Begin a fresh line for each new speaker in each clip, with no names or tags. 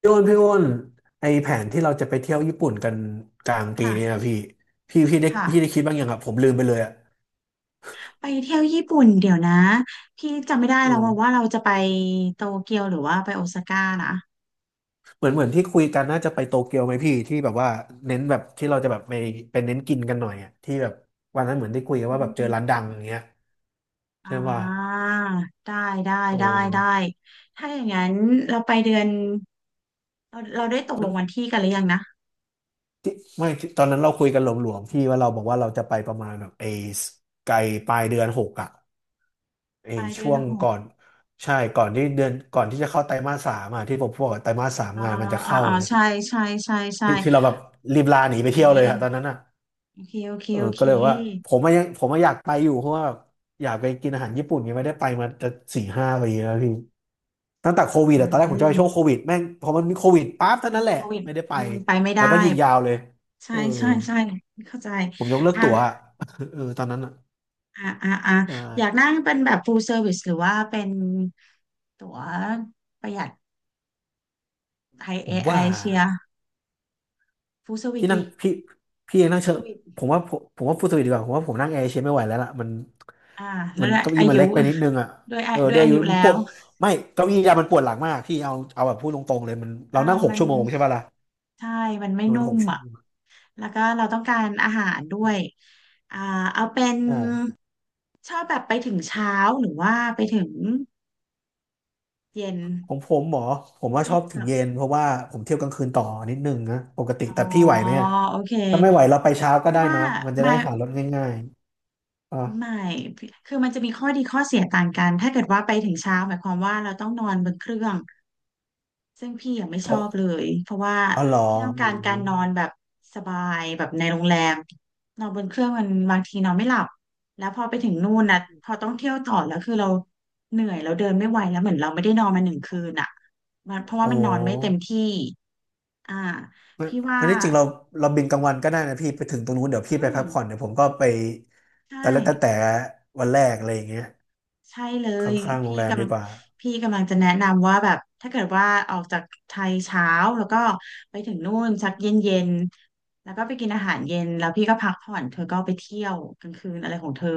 พี่อ้นพี่อ้นไอแผนที่เราจะไปเที่ยวญี่ปุ่นกันกลางปี
ค่ะ
นี้นะพี่พี่ได้
ค่ะ
พี่ได้คิดบ้างยังอะผมลืมไปเลยอะ
ไปเที่ยวญี่ปุ่นเดี๋ยวนะพี่จำไม่ได้
เอ
แล้ว
อ
ว่าเราจะไปโตเกียวหรือว่าไปโอซาก้านะ
เหมือนที่คุยกันน่าจะไปโตเกียวไหมพี่ที่แบบว่าเน้นแบบที่เราจะแบบไปเน้นกินกันหน่อยอะที่แบบวันนั้นเหมือนได้คุยกัน
อื
ว่าแบบเจอร้าน
ม
ดังอย่างเงี้ย
อ่
ใช่ป่ะ
าได้ได้
เออ
ได้ถ้าอย่างนั้นเราไปเดือนเราได้ตกลงวันที่กันหรือยังนะ
ที่ไม่ที่ตอนนั้นเราคุยกันหลวมๆพี่ว่าเราบอกว่าเราจะไปประมาณแบบไอไกลปลายเดือนหกอะ ไอ้
ปลายเดือ
ช่
น
วง
หก
ก่อนใช่ก่อนที่เดือนก่อนที่จะเข้าไตรมาสสามอ่ะที่ผมพูดว่าไตรมาสสาม
อ่า
งานมันจะเข้า
อ่า
ไง
ใช่ใช่ใช่ใช่
ที่เราแบบรีบลาหนีไปเที่ยวเลยอะตอนนั้นอ่ะ
โอเคโอเค
เออ
โอเค
ก็เลย
โอ
บอกว่า
เค
ผมอะอยากไปอยู่เพราะว่าอยากไปกินอาหารญี่ปุ่นยังไม่ได้ไปมาจะสี่ห้าปีแล้วพี่ตั้งแต่โค
ไป
วิด
เล
อะตอนแรกผมจะ
ย
ไปช่วงโควิดแม่งพอมันมีโควิดปั๊บเท่านั้น
มี
แหละ
โควิด
ไม่ได้ไป
อืมไปไม่
แล้
ได้
วก็ยิงยาวเลยเอ
ใช่
อ
ใช่ใช่เข้าใจ
ผมยกเลิก
อ่ะ
ตั๋วอะ เออตอนนั้นอ่ะ
อ่า
ใช่
อยากนั่งเป็นแบบ full service หรือว่าเป็นตั๋วประหยัดไทย
ผ
เอ
ม
ไอ
ว่า
เชีย full service
พี่นั่ง
ดิ
พี่พี่เองนั่งเชอะ
service
ผมว่าฟูลสวิตดีกว่าผมว่าผมนั่งแอร์เอเชียไม่ไหวแล้วล่ะมัน
อ่าแล้ว
มัน
ด้วย
เก้าอี้
อา
มัน
ยุ
เล็กไปนิดนึงอ่ะเออ
ด้ว
ด้ว
ย
ย
อา
อายุ
ยุ
มั
แล้
นปว
ว
ดไม่เก้าอี้ยามันปวดหลังมากพี่เอาแบบพูดตรงๆเลยมัน
อ่า
เรานั่งหก
มัน
ชั่วโมงใช่ป่ะล่ะ
ใช่มันไม่
มันเป็
นุ่
นหก
ม
ชั่ว
อ่ะ
โมง
แล้วก็เราต้องการอาหารด้วยอ่าเอาเป็น
อ่า
ชอบแบบไปถึงเช้าหรือว่าไปถึงเย็น
ของผมหมอผมว่า
ให้
ชอบถึ
เลื
ง
อก
เย็นเพราะว่าผมเที่ยวกลางคืนต่อนิดนึงนะปกติ
อ๋อ
แต่พี่ไหวไหมอะ
โอเค
ถ้าไม่ไหวเราไปเช้าก็
พี่
ได้
ว่า
นะมันจะ
มา
ได้หารถง่ายๆอ่ะ
ไม่คือมันจะมีข้อดีข้อเสียต่างกัน ถ้าเกิดว่าไปถึงเช้าหมายความว่าเราต้องนอนบนเครื่องซึ่งพี่ยังไม่ชอ
ก็
บเลย เพราะว่า
อ๋อเหรอ
พี่ต้อง
อื
การกา
ม
รนอนแบบสบายแบบในโรงแรมนอนบนเครื่องมันบางทีนอนไม่หลับแล้วพอไปถึงนู่นนะพอต้องเที่ยวต่อแล้วคือเราเหนื่อยเราเดินไม่ไหวแล้วเหมือนเราไม่ได้นอนมาหนึ่งคืนอ่ะมันเพราะว่า
โอ้
มันนอนไม่เต็มที่อ่า
งั้น
พี่ว่า
งั้นที่จริงเราบินกลางวันก็ได้นะพี่ไปถึงตรงนู้นเดี๋ยวพี่
อื
ไป
ม
พักผ่อนเดี๋ยวผมก็ไป
ใช่
แต่วันแรกอะไรอย่างเงี้ย
ใช่เล
ข
ย
้างๆโรง
พี่
แร
ก
มดีกว่า
พี่กำลังจะแนะนำว่าแบบถ้าเกิดว่าออกจากไทยเช้าแล้วก็ไปถึงนู่นสักเย็นเย็นแล้วก็ไปกินอาหารเย็นแล้วพี่ก็พักผ่อนเธอก็ไปเที่ยวกลางคืนอะไรของเธอ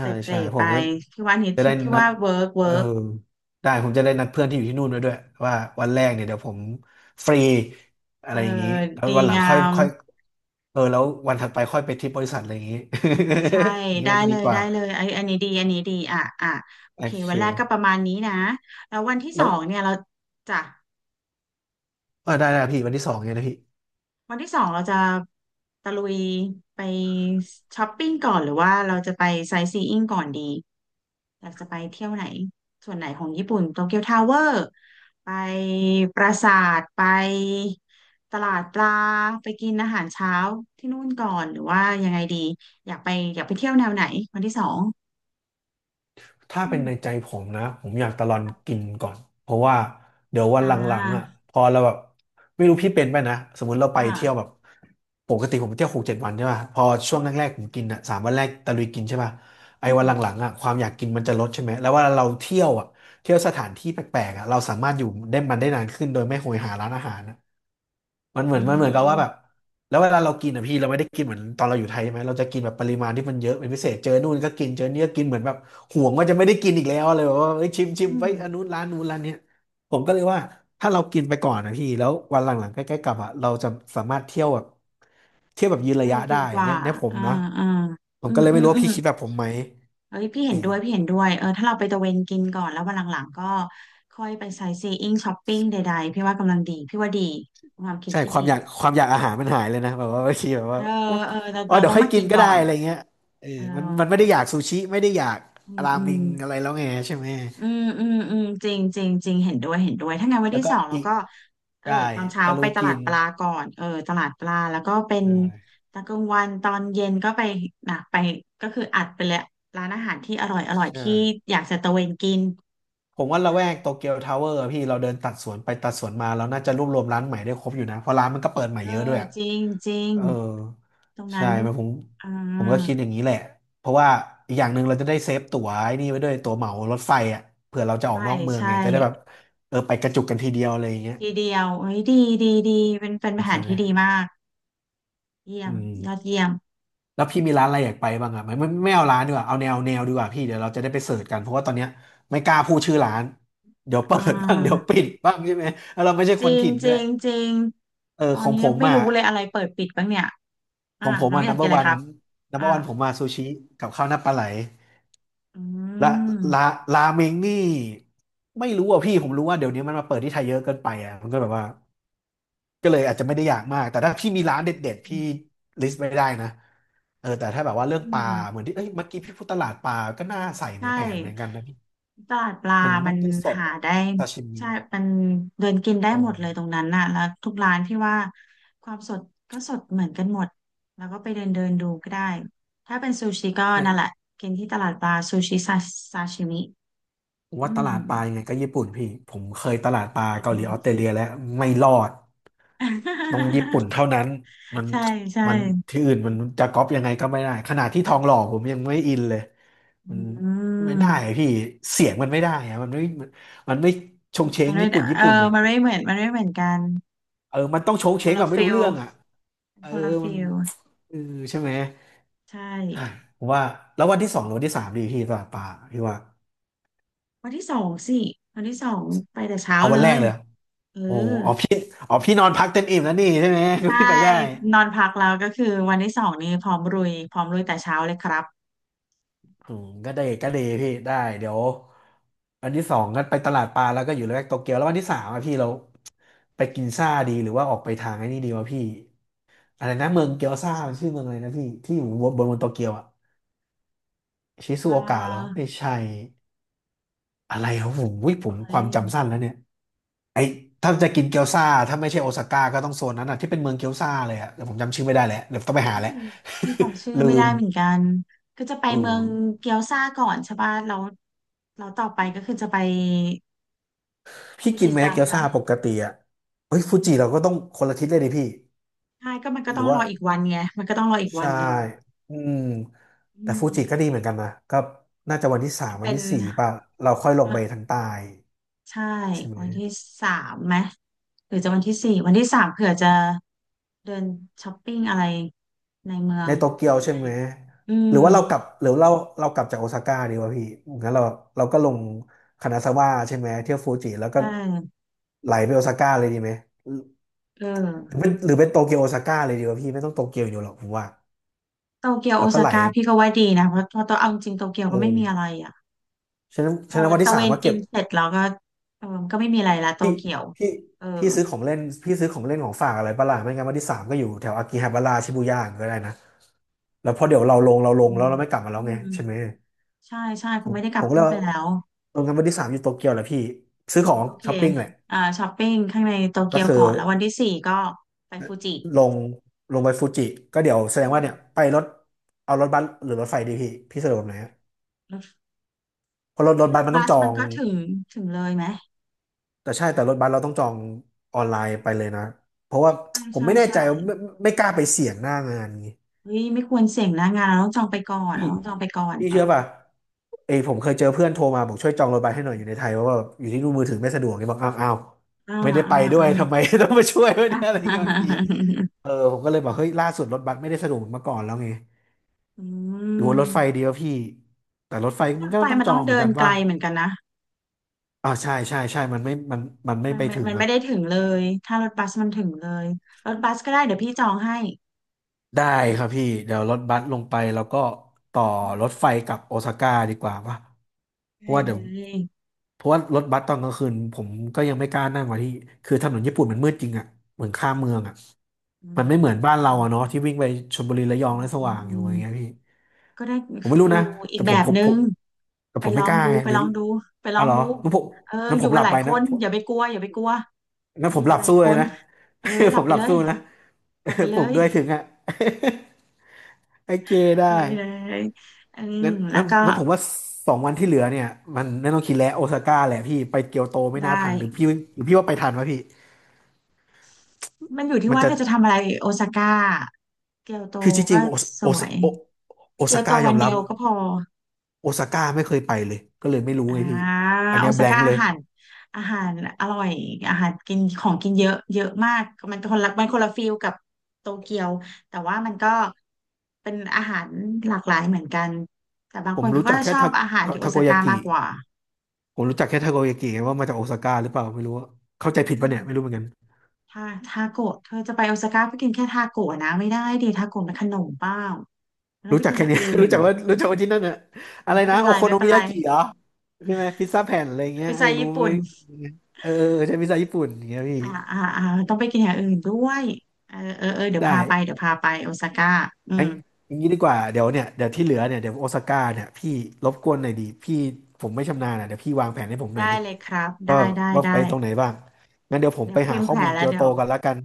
เต
่ใช่
ร่ๆ
ผ
ไป
มจะ
พี่ว่านี้
จะได้
ที่พี่
นัด
ว่าเวิร์ก
เออ
เวิร์ก
ได้ผมจะได้นัดเพื่อนที่อยู่ที่นู่นไว้ด้วยว่าวันแรกเนี่ยเดี๋ยวผมฟรี
เธ
อะไร
อ
อย่างงี้แล้ว
ดี
วันหลัง
งา
ค่อย
ม
ค่อยเออแล้ววันถัดไปค่อยไปทริปบริษัทอะไรอย่างงี้
ใช่
อย่างงี้
ได้
น่าจะ
เล
ดี
ย
กว่า
ได้เลยไอ้อันนี้ดีอันนี้ดีอ่ะอ่ะโอ
โอ
เค
เค
วันแรกก็ประมาณนี้นะแล้ววันที่ส
แล้
อ
ว
งเนี่ยเราจ้ะ
อ่าได้ได้พี่วันที่สองไงนะพี่
วันที่สองเราจะตะลุยไปช้อปปิ้งก่อนหรือว่าเราจะไปไซต์ซีอิ้งก่อนดีอยากจะไปเที่ยวไหนส่วนไหนของญี่ปุ่นโตเกียวทาวเวอร์ไปปราสาทไปตลาดปลาไปกินอาหารเช้าที่นู่นก่อนหรือว่ายังไงดีอยากไปอยากไปเที่ยวแนวไหนวันที่สอง
ถ้า
อื
เป็นในใจ
ม
ผมนะผมอยากตะลอนกินก่อนเพราะว่าเดี๋ยววัน
อ่
หลังๆอ่ะ
า
พอเราแบบไม่รู้พี่เป็นไปนะสมมุติเรา
อ
ไปเที่ยวแบ
่า
บปกติผมเที่ยวหกเจ็ดวันใช่ป่ะพอช่วงแรกๆผมกินอ่ะสามวันแรกตะลุยกินใช่ป่ะไอ้
อื
วั
ม
นหลังๆอ่ะความอยากกินมันจะลดใช่ไหมแล้วเว่าเราเที่ยวอ่ะเที่ยวสถานที่แปลกๆอ่ะเราสามารถอยู่ได้มันได้นานขึ้นโดยไม่โหยหาร้านอาหารนะมันเห
อื
มือนมันเหมือนกับว่าแบบ
ม
แล้วเวลาเรากินอ่ะพี่เราไม่ได้กินเหมือนตอนเราอยู่ไทยใช่ไหมเราจะกินแบบปริมาณที่มันเยอะเป็นพิเศษเจอนู่นก็กินเจอนี่ก็กินเหมือนแบบห่วงว่าจะไม่ได้กินอีกแล้วอะไรแบบว่าเอ้ยชิมชิม
อื
ไป
ม
อันนู้นร้านนู้นร้านเนี้ยผมก็เลยว่าถ้าเรากินไปก่อนนะพี่แล้ววันหลังๆใกล้ๆกลับอ่ะเราจะสามารถเที่ยวแบบเที่ยวแบบยืน
ได้
ระยะ
ดี
ได้
กว่า
เนี่ยผม
อ่า
นะ
อ่า
ผ
อื
มก็
ม
เลย
อื
ไม่
ม
รู้
อื
ว่า
ม
พี่คิดแบบผมไหม
เอ้ยพี่เห็
เอ
นด้วยพี่
อ
เห็นด้วยเออถ้าเราไปตะเวนกินก่อนแล้ววันหลังๆก็ค่อยไปไซต์ซีอิ้งช้อปปิ้งใดๆพี่ว่ากำลังดีพี่ว่าดีความคิด
ใช่
ที่
ค
ดี
วามอยากความอยากอาหารมันหายเลยนะแบบว่าบางทีแบบ
เอ
ว่า
อ
โอ๊ะ
เออเรา
อ๋อ
เรา
เดี๋ย
ต้
ว
อง
ค่อย
มา
กิ
กิ
น
น
ก็
ก่อ
ได้
น
อะไรเงี้ยเออ
เออ
มันไม่ได้อยากซูชิไม่ได้อยาก
อืม
รา
อื
เม
ม
งอะไรแล้วไงใช่ไหม
อืมจริงจริงจริงเห็นด้วยเห็นด้วยถ้างั้นวัน
แล้ว
ที่
ก็
สองเรา
อิ
ก็เออ
ได้
ตอนเช้า
ตะลุ
ไป
ย
ตลา
กิ
ด
น
ปลาก่อนเออตลาดปลาแล้วก็เป็
ใช
น
่
ตอนกลางวันตอนเย็นก็ไปนะไปก็คืออัดไปเลยร้านอาหารที่อร่อยอร่อย
ใช่
ที่อยากจะตะเวนกิน
ผมว่าละแวกโตเกียวทาวเวอร์พี่เราเดินตัดสวนไปตัดสวนมาเราน่าจะรวบรวมร้านใหม่ได้ครบอยู่นะเพราะร้านมันก็เปิดใหม่
เอ
เยอะด้ว
อ
ยอะ
จริงจริง
เออ
ตรง
ใช่
นั้น
มันผม
อ่า
ผมก็คิดอย่างนี้แหละเพราะว่าอีกอย่างหนึ่งเราจะได้เซฟตั๋วไอ้นี่ไว้ด้วยตั๋วเหมารถไฟอ่ะเผื่อเราจะออก
ใช่
นอกเมือง
ใช่
ไงจะได้แบบเออไปกระจุกกันทีเดียวอะไรอย่างเงี้ย
ทีเดียวเฮ้ยดีดีดีเป็นเป็นแผ
ใช่
น
ไหม
ที่ดีมากเยี่ย
อื
ม
ม
ยอดเยี่ยม
แล้วพี่มีร้านอะไรอยากไปบ้างอ่ะไม่เอาร้านดีกว่าเอาแนวดีกว่าพี่เดี๋ยวเราจะได้ไปเสิร์ชกันเพราะว่าตอนเนี้ยไม่กล้าพูดชื่อร้านเดี๋ยวเปิ
อ่
ดบ้างเดี๋ยว
า
ปิดบ้างใช่ไหมแล้วเราไม่ใช่
จ
ค
ริ
น
ง
ถิ่น
จ
ด้ว
ริ
ย
งจริง
เออ
ตอ
ข
น
อง
นี้
ผม
ไม่
อ่ะ
รู้เลยอะไรเปิดปิดบ้างเนี่ย
ข
อ่า
องผม
น้อง
อ่ะ
อยากกิน
number
อะไรค
one
รับอ่า
number one ผมมาซูชิกับข้าวหน้าปลาไหลและราราเมงนี่ไม่รู้อ่ะพี่ผมรู้ว่าเดี๋ยวนี้มันมาเปิดที่ไทยเยอะเกินไปอ่ะมันก็แบบว่า ก็เลยอาจจะไม่ได้อยากมาก แต่ถ้าพี่มีร้านเด็ดๆพี่
อ
ลิสต์ไม่ได้นะเออแต่ถ้าแบบว่าเรื่อง
ื
ปลา
ม
เหมือนที่เอ้ยเมื่อกี้พี่พูดตลาดปลาก็น่าใส่ใน
ใช่
แผนเหมือนกันนะพี่
ตลาดปลา
มันต้
มั
อ
น
งต้องสด
หา
อะ
ได้
ซาชิมิ
ใช่มันเดินกินได้
อ๋อ
หมดเลยตรงนั้นน่ะแล้วทุกร้านพี่ว่าความสดก็สดเหมือนกันหมดแล้วก็ไปเดินเดินดูก็ได้ถ้าเป็นซูชิก็นั่นแหละ
ใช่
กินที่ตลาดปลาซูชิซาชิมิ
ผม
อื
ว่าต
ม
ลาดปลายังไงก็ญี่ปุ่นพี่ ผมเคยตลาดปลาเกาหลีออสเตรเลียแล้วไม่รอดต้องญี่ปุ่น เท่านั้นมัน
ใช่ใช่
มันที่อื่นมันจะก๊อปยังไงก็ไม่ได้ขนาดที่ทองหล่อผมยังไม่อินเลย
อ
มันไม่ได้
ืม
อะพี่เสียงมันไม่ได้อะมันมันไม่ชงเช
มั
ง
นไม่
ญี่
ได้
ปุ่นญี่
เออ
ปุ่นอ่ะ
มันไม่เหมือนกัน
เออมันต้องโชง
มันค
เช้
น
งแบ
ละ
บไม่
ฟิ
รู้
ล
เรื่องอ่ะเออ
คนละ
มัน
ฟิล
เออใช่ไหม
ใช่
ใช่ผมว่าแล้ววันที่สองหรือวันที่สามดีพี่ตลาดปลาพี่ว่า
วันที่สองสิวันที่สองไปแต่เช้า
เอา
เล
วันแรก
ย
เลย
เออ
โอ้อ๋อพี่อ๋อพี่นอนพักเต็มอิ่มแล้วนี่ใช่ไหมก็
ใช่
พี่ไปได้
นอนพักแล้วก็คือวันที่สองนี้พร้อมรุยพร้อมรุยแต่เช้าเลยครับ
อืมก็ได้ก็ดีพี่ได้เดี๋ยววันที่สองก็ไปตลาดปลาแล้วก็อยู่ละแวกโตเกียวแล้ววันที่สามอะพี่เราไปกินซ่าดีหรือว่าออกไปทางไอ้นี่ดีวะพี่อะไรนะเมืองเกียวซ่ามันชื่อเมืองอะไรนะพี่ ที่อยู่บนโตเกียวอะชิซู
อ่
โอกะเหรอ
า
ไม่ใช่ อะไรครับผมค
เอ้
วาม
ย
จำสั้นแล้วเนี่ยไอถ้าจะกินเกี๊ยวซ่าถ้าไม่ใช่โอซาก้าก็ต้องโซนนั้นอ่ะที่เป็นเมืองเกี๊ยวซ่าเลยอ่ะแต่ผมจำชื่อไม่ได้แล้วเดี๋ยวต้องไปหาแล้ว
นี่นี่จำชื่อ ไม่
ลื
ได้
ม
เหมือนกันก็จะไป
เอ
เมือง
อ
เกียวซาก่อนใช่ป่ะแล้วต่อไปก็คือจะไป
พี่
ฟู
กิน
จิ
ไหม
ซัง
เกี๊ยว
ไหม
ซ่าปกติอ่ะเฮ้ยฟูจิเราก็ต้องคนละทิศเลยดิพี่
ใช่ก็มันก็
ห
ต้
รื
อ
อ
งร
ว่า
ออีกวันไงมันก็ต้องรออีกวั
ใช่
นหนึ่ง
อืม
อื
แต่ฟู
ม
จิก็ดีเหมือนกันนะก็น่าจะวันที่สา
มั
ม
น
วัน
เป็น
ที่สี่ป่ะเราค่อยลง
เอ
ไป
อ
ทางใต้
ใช่
ใช่ไหม
วันที่สามไหมหรือจะวันที่สี่วันที่สามเผื่อจะ เดินช้อปปิ้งอะไรในเมือ
ใน
ง
โต
ห
เกีย
รื
ว
อยัง
ใช่
ไง
ไหม
อื
ห
ม
รือว่าเรากลับจากโอซาก้าดีวะพี่งั้นเราเราก็ลงคานาซาวะใช่ไหมเที่ยวฟูจิแล้วก็
ใช่
ไหลไปโอซาก้าเลยดีไหมหร
เออ
หรือเป็นโตเกียวโอซาก้าเลยดีวะพี่ไม่ต้องโตเกียวอยู่หรอกผมว่า
โตเกียวโอ
แล้วก็
ซา
ไหล
ก้าพี่ก็ว่าดีนะเพราะเพอตัวเอาจริงโตเกียว
เอ
ก็ไม่
อ
มีอะไรอ่ะ
ฉะนั้น
พ
ฉะ
อ
นั้นวันที่
ตะเว
สา
น
ม่า
กิ
เก็บ
นเสร็จแล้วก็เออมันก็ไม่มีอะไรละโต
พี่
เกียว
พี่
เออ
พี่ซื้อของเล่นพี่ซื้อของเล่นของฝากอะไรปะล่ะไม่งั้นวันที่สามก็อยู่แถวอากิฮาบาระชิบูย่าก็ได้นะแล้วพอเดี๋ยวเราลง
อื
แล้ว
ม
เราไม่กลับมาแล้
อื
วไง
ม
ใช่ไหม
ใช่ใช่ค
ผ
ง
ม
ไม่ได้ก
ผ
ลับ
มก็เล
ขึ้น
ย
ไป
ว่า
แล้ว
ลงกันวันที่สามอยู่โตเกียวแหละพี่ซื้อของ
โอเค
ช้อปปิ้งแหละ
อ่าช้อปปิ้งข้างในโต
ก็
เกียว
คือ
ก่อนแล้ววันที่สี่ก็ไปฟูจิ
ลงลงไปฟูจิก็เดี๋ยวแส
อื
ดงว่า
ม
เนี่ยไปรถเอารถบัสหรือรถไฟดีพี่พี่สะดวกแบบไหนฮะ
รถ
เพราะรถรถ
ร
บัส
ถ
มันต้
บั
อง
ส
จอ
มัน
ง
ก็ถึงถึงเลยไหม
แต่ใช่แต่รถบัสเราต้องจองออนไลน์ไปเลยนะเพราะว่า
ใช่
ผม
ใช่
ไม่แน่
ใช่
ใจว่าไม่กล้าไปเสี่ยงหน้างานนี้
เฮ้ยไม่ควรเสี่ยงนะงานเราต้องจองไปก่อน
พี่
เราต้องจองไปก่อน
พี่
เออ
เชื่อป่ะเอ้ยผมเคยเจอเพื่อนโทรมาบอกช่วยจองรถบัสให้หน่อยอยู่ในไทยเพราะว่าอยู่ที่นู่นมือถือไม่สะดวกเนี่ยบอกอ้าว
อ่า
ไม่ได้
อ่า
ไปด้ว
อ่า
ยทำไม ต้องมาช่วยด้วย
อ่
เนี่ยอะไร
า
เงี้ยบางทีอะ เออผมก็เลยบอกเฮ้ยล่าสุดรถบัสไม่ได้สะดวกเหมือนเมื่อก่อนแล้วไง
อื
หรือว่ารถไฟ
ม
ดีวะพี่แต่รถไฟ
ร
มัน
ถ
ก็
ไฟ
ต้อง
มัน
จ
ต้
อ
อง
งเหมือ
เดิ
น
น
กัน
ไกล
ว่า
เหมือนกันนะ
ใช่ใช่ใช่มันไม่ไปถึง
มันไม่
อ่ะ
ได้ถึงเลยถ้ารถบัสมันถึงเลยรถบัสก็ได้เดี๋ยวพี่จองให้
ได้ครับพี่เดี๋ยวรถบัสลงไปแล้วก็ต่อ
อืม
รถไฟกลับโอซาก้าดีกว่าป่ะเพ
ได้
ราะว่า
เล
เดี๋ยว
ย
เพราะว่ารถบัสตอนกลางคืนผมก็ยังไม่กล้านั่งว่ะที่คือถนนญี่ปุ่นมันมืดจริงอ่ะเหมือนข้ามเมืองอ่ะ
อื
มั
ม
นไม่เหมือนบ้าน
อื
เรา
ม
อ่ะเนาะที่วิ่งไปชลบุรีระยองแล้วสว่างอ
อื
ยู่
ม
อย่างเงี้ยพี่
ก็ได้
ผมไม่รู้
ฟิ
นะ
ลอี
แต่
ก
ผ
แบ
ม
บ
ผม
นึ
ผ
ง
มแต่
ไป
ผม
ล
ไม่
อ
ก
ง
ล้า
ดู
ไง
ไป
หรือ
ลองดูไปล
อ๋
อ
อ
ง
เหรอ
ดู
งั้นผม
เออ
งั้น
อ
ผ
ยู่
มห
กัน
ลั
ห
บ
ลา
ไป
ยค
นะ
น
ผ
อ
ม
ย่าไปกลัวอย่าไปกลัว
งั้น
อ
ผ
ยู่
มห
กั
ลั
น
บ
หลาย
สู้
ค
เลย
น
นะ
เออห ลั
ผ
บ
ม
ไป
หลับ
เลย
สู้นะ
หลับไป เล
ปลุก
ย
ด้วยถึงอ่ะ ไอเจ
ได้
ได้
เลยอืม
งั้น
แล้ว
งั้น
ก็
งั้นผมว่าสองวันที่เหลือเนี่ยมันไม่ต้องคิดแล้วโอซาก้าแหละพี่ไปเกียวโตไม่
ได้
น่าทันหรือพี่หรือพี่ว่าไปทันวะพี่
มันอยู่ที่
มัน
ว่า
จะ
เธอจะทำอะไรโอซาก้าเกียวโต
คือจริ
ก็
งๆ
สวย
โอ
เกีย
ซา
วโต
ก้าย
วั
อ
น
ม
เดี
รับ
ยวก็พอ
โอซาก้าไม่เคยไปเลยก็เลยไม่รู้
อ่า
ไงพี่อัน
โอ
เนี้ยแบ
ซา
a ง
ก้า
k เล
อา
ย
หารอาหารอร่อย อาหารกินของกินเยอะเยอะมาก มันคนละฟิลกับโตเกียว แต่ว่ามันก็เป็นอาหารหลากหลายเหมือนกัน แต่บาง
ผ
ค
ม
นเขา
รู้
ก็
จัก
จะ
แค่
ชอบอาหารที่โอ
ทาโก
ซา
ยา
ก้า
กิ
มากกว่า
ผมรู้จักแค่ทาโกยากิไงว่ามาจากโอซาก้าหรือเปล่าไม่รู้ว่าเข้าใจ
อื
ผิดปะ
ม
เนี่ยไม่รู้เหมือนกัน
ถ้าทาโกะเธอจะไปโอซาก้าไปกินแค่ทาโกะนะไม่ได้ดิทาโกะม็นขนมเปล่าแล้ว
รู้
ไป
จัก
กินอ
แค่
ย่าง
เนี้ย
อื่
รู้
น
จักว่ารู้จักว่าที่นั่นอะอะ
เอา
ไร
ไม่
นะ
เป็น
โอ
ไร
โค
ไม่
โน
เป็
มิ
นไร
ยากิเหรอใช่ไหมพิซซ่าแผ่นอะไรเงี้
ไป
ย
ใจ
เออรู้
ญี่
ไหม
ปุ่น
เอออใช่พิซซ่าญี่ปุ่นอย่างเงี้ยพี่
อ่าต้องไปกินอย่างอื่นด้วยเออเออเออเดี๋ยวพาไป
ได้
เดี๋ยวพาไปโอซาก้าอื
อั
ม
นอย่างนี้ดีกว่าเดี๋ยวที่เหลือเนี่ยเดี๋ยวโอซาก้าเนี่ยพี่รบกวนหน่อยดีพี่ผมไม่ชำนาญอะเดี๋ยวพี่วางแผนให้ผมหน่อย
ได้
ดิ
เลยครับ
ว่า
ได้ได้
ว่าไป
ได้
ตรงไหนบ้างงั้นเดี๋ยวผม
เดี๋ย
ไป
ว
หา
พิมพ์
ข้อ
แผ
มู
น
ล
แล้
เกี
ว
ยวโต
เดี๋ยว
ก่อนละกัน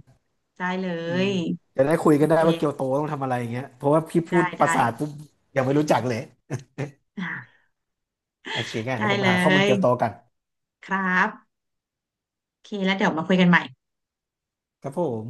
ได้เล
อืม
ย
จะได้คุย
โอ
กัน
เค
ได้ว่าเกียวโตต้องทำอะไรอย่างเงี้ยเพราะว่าพี่พู
ได้
ดภา
ได้
ษาทปุ๊บยังไม่รู้จักเลย
อ่า
โอเคงั้น
ได้
เดี๋ยวผมไป
เล
หาข้อมูลเกียวโต
ย
กัน
ครับโอเคแล้วเดี๋ยวมาคุยกันใหม่
ครับผม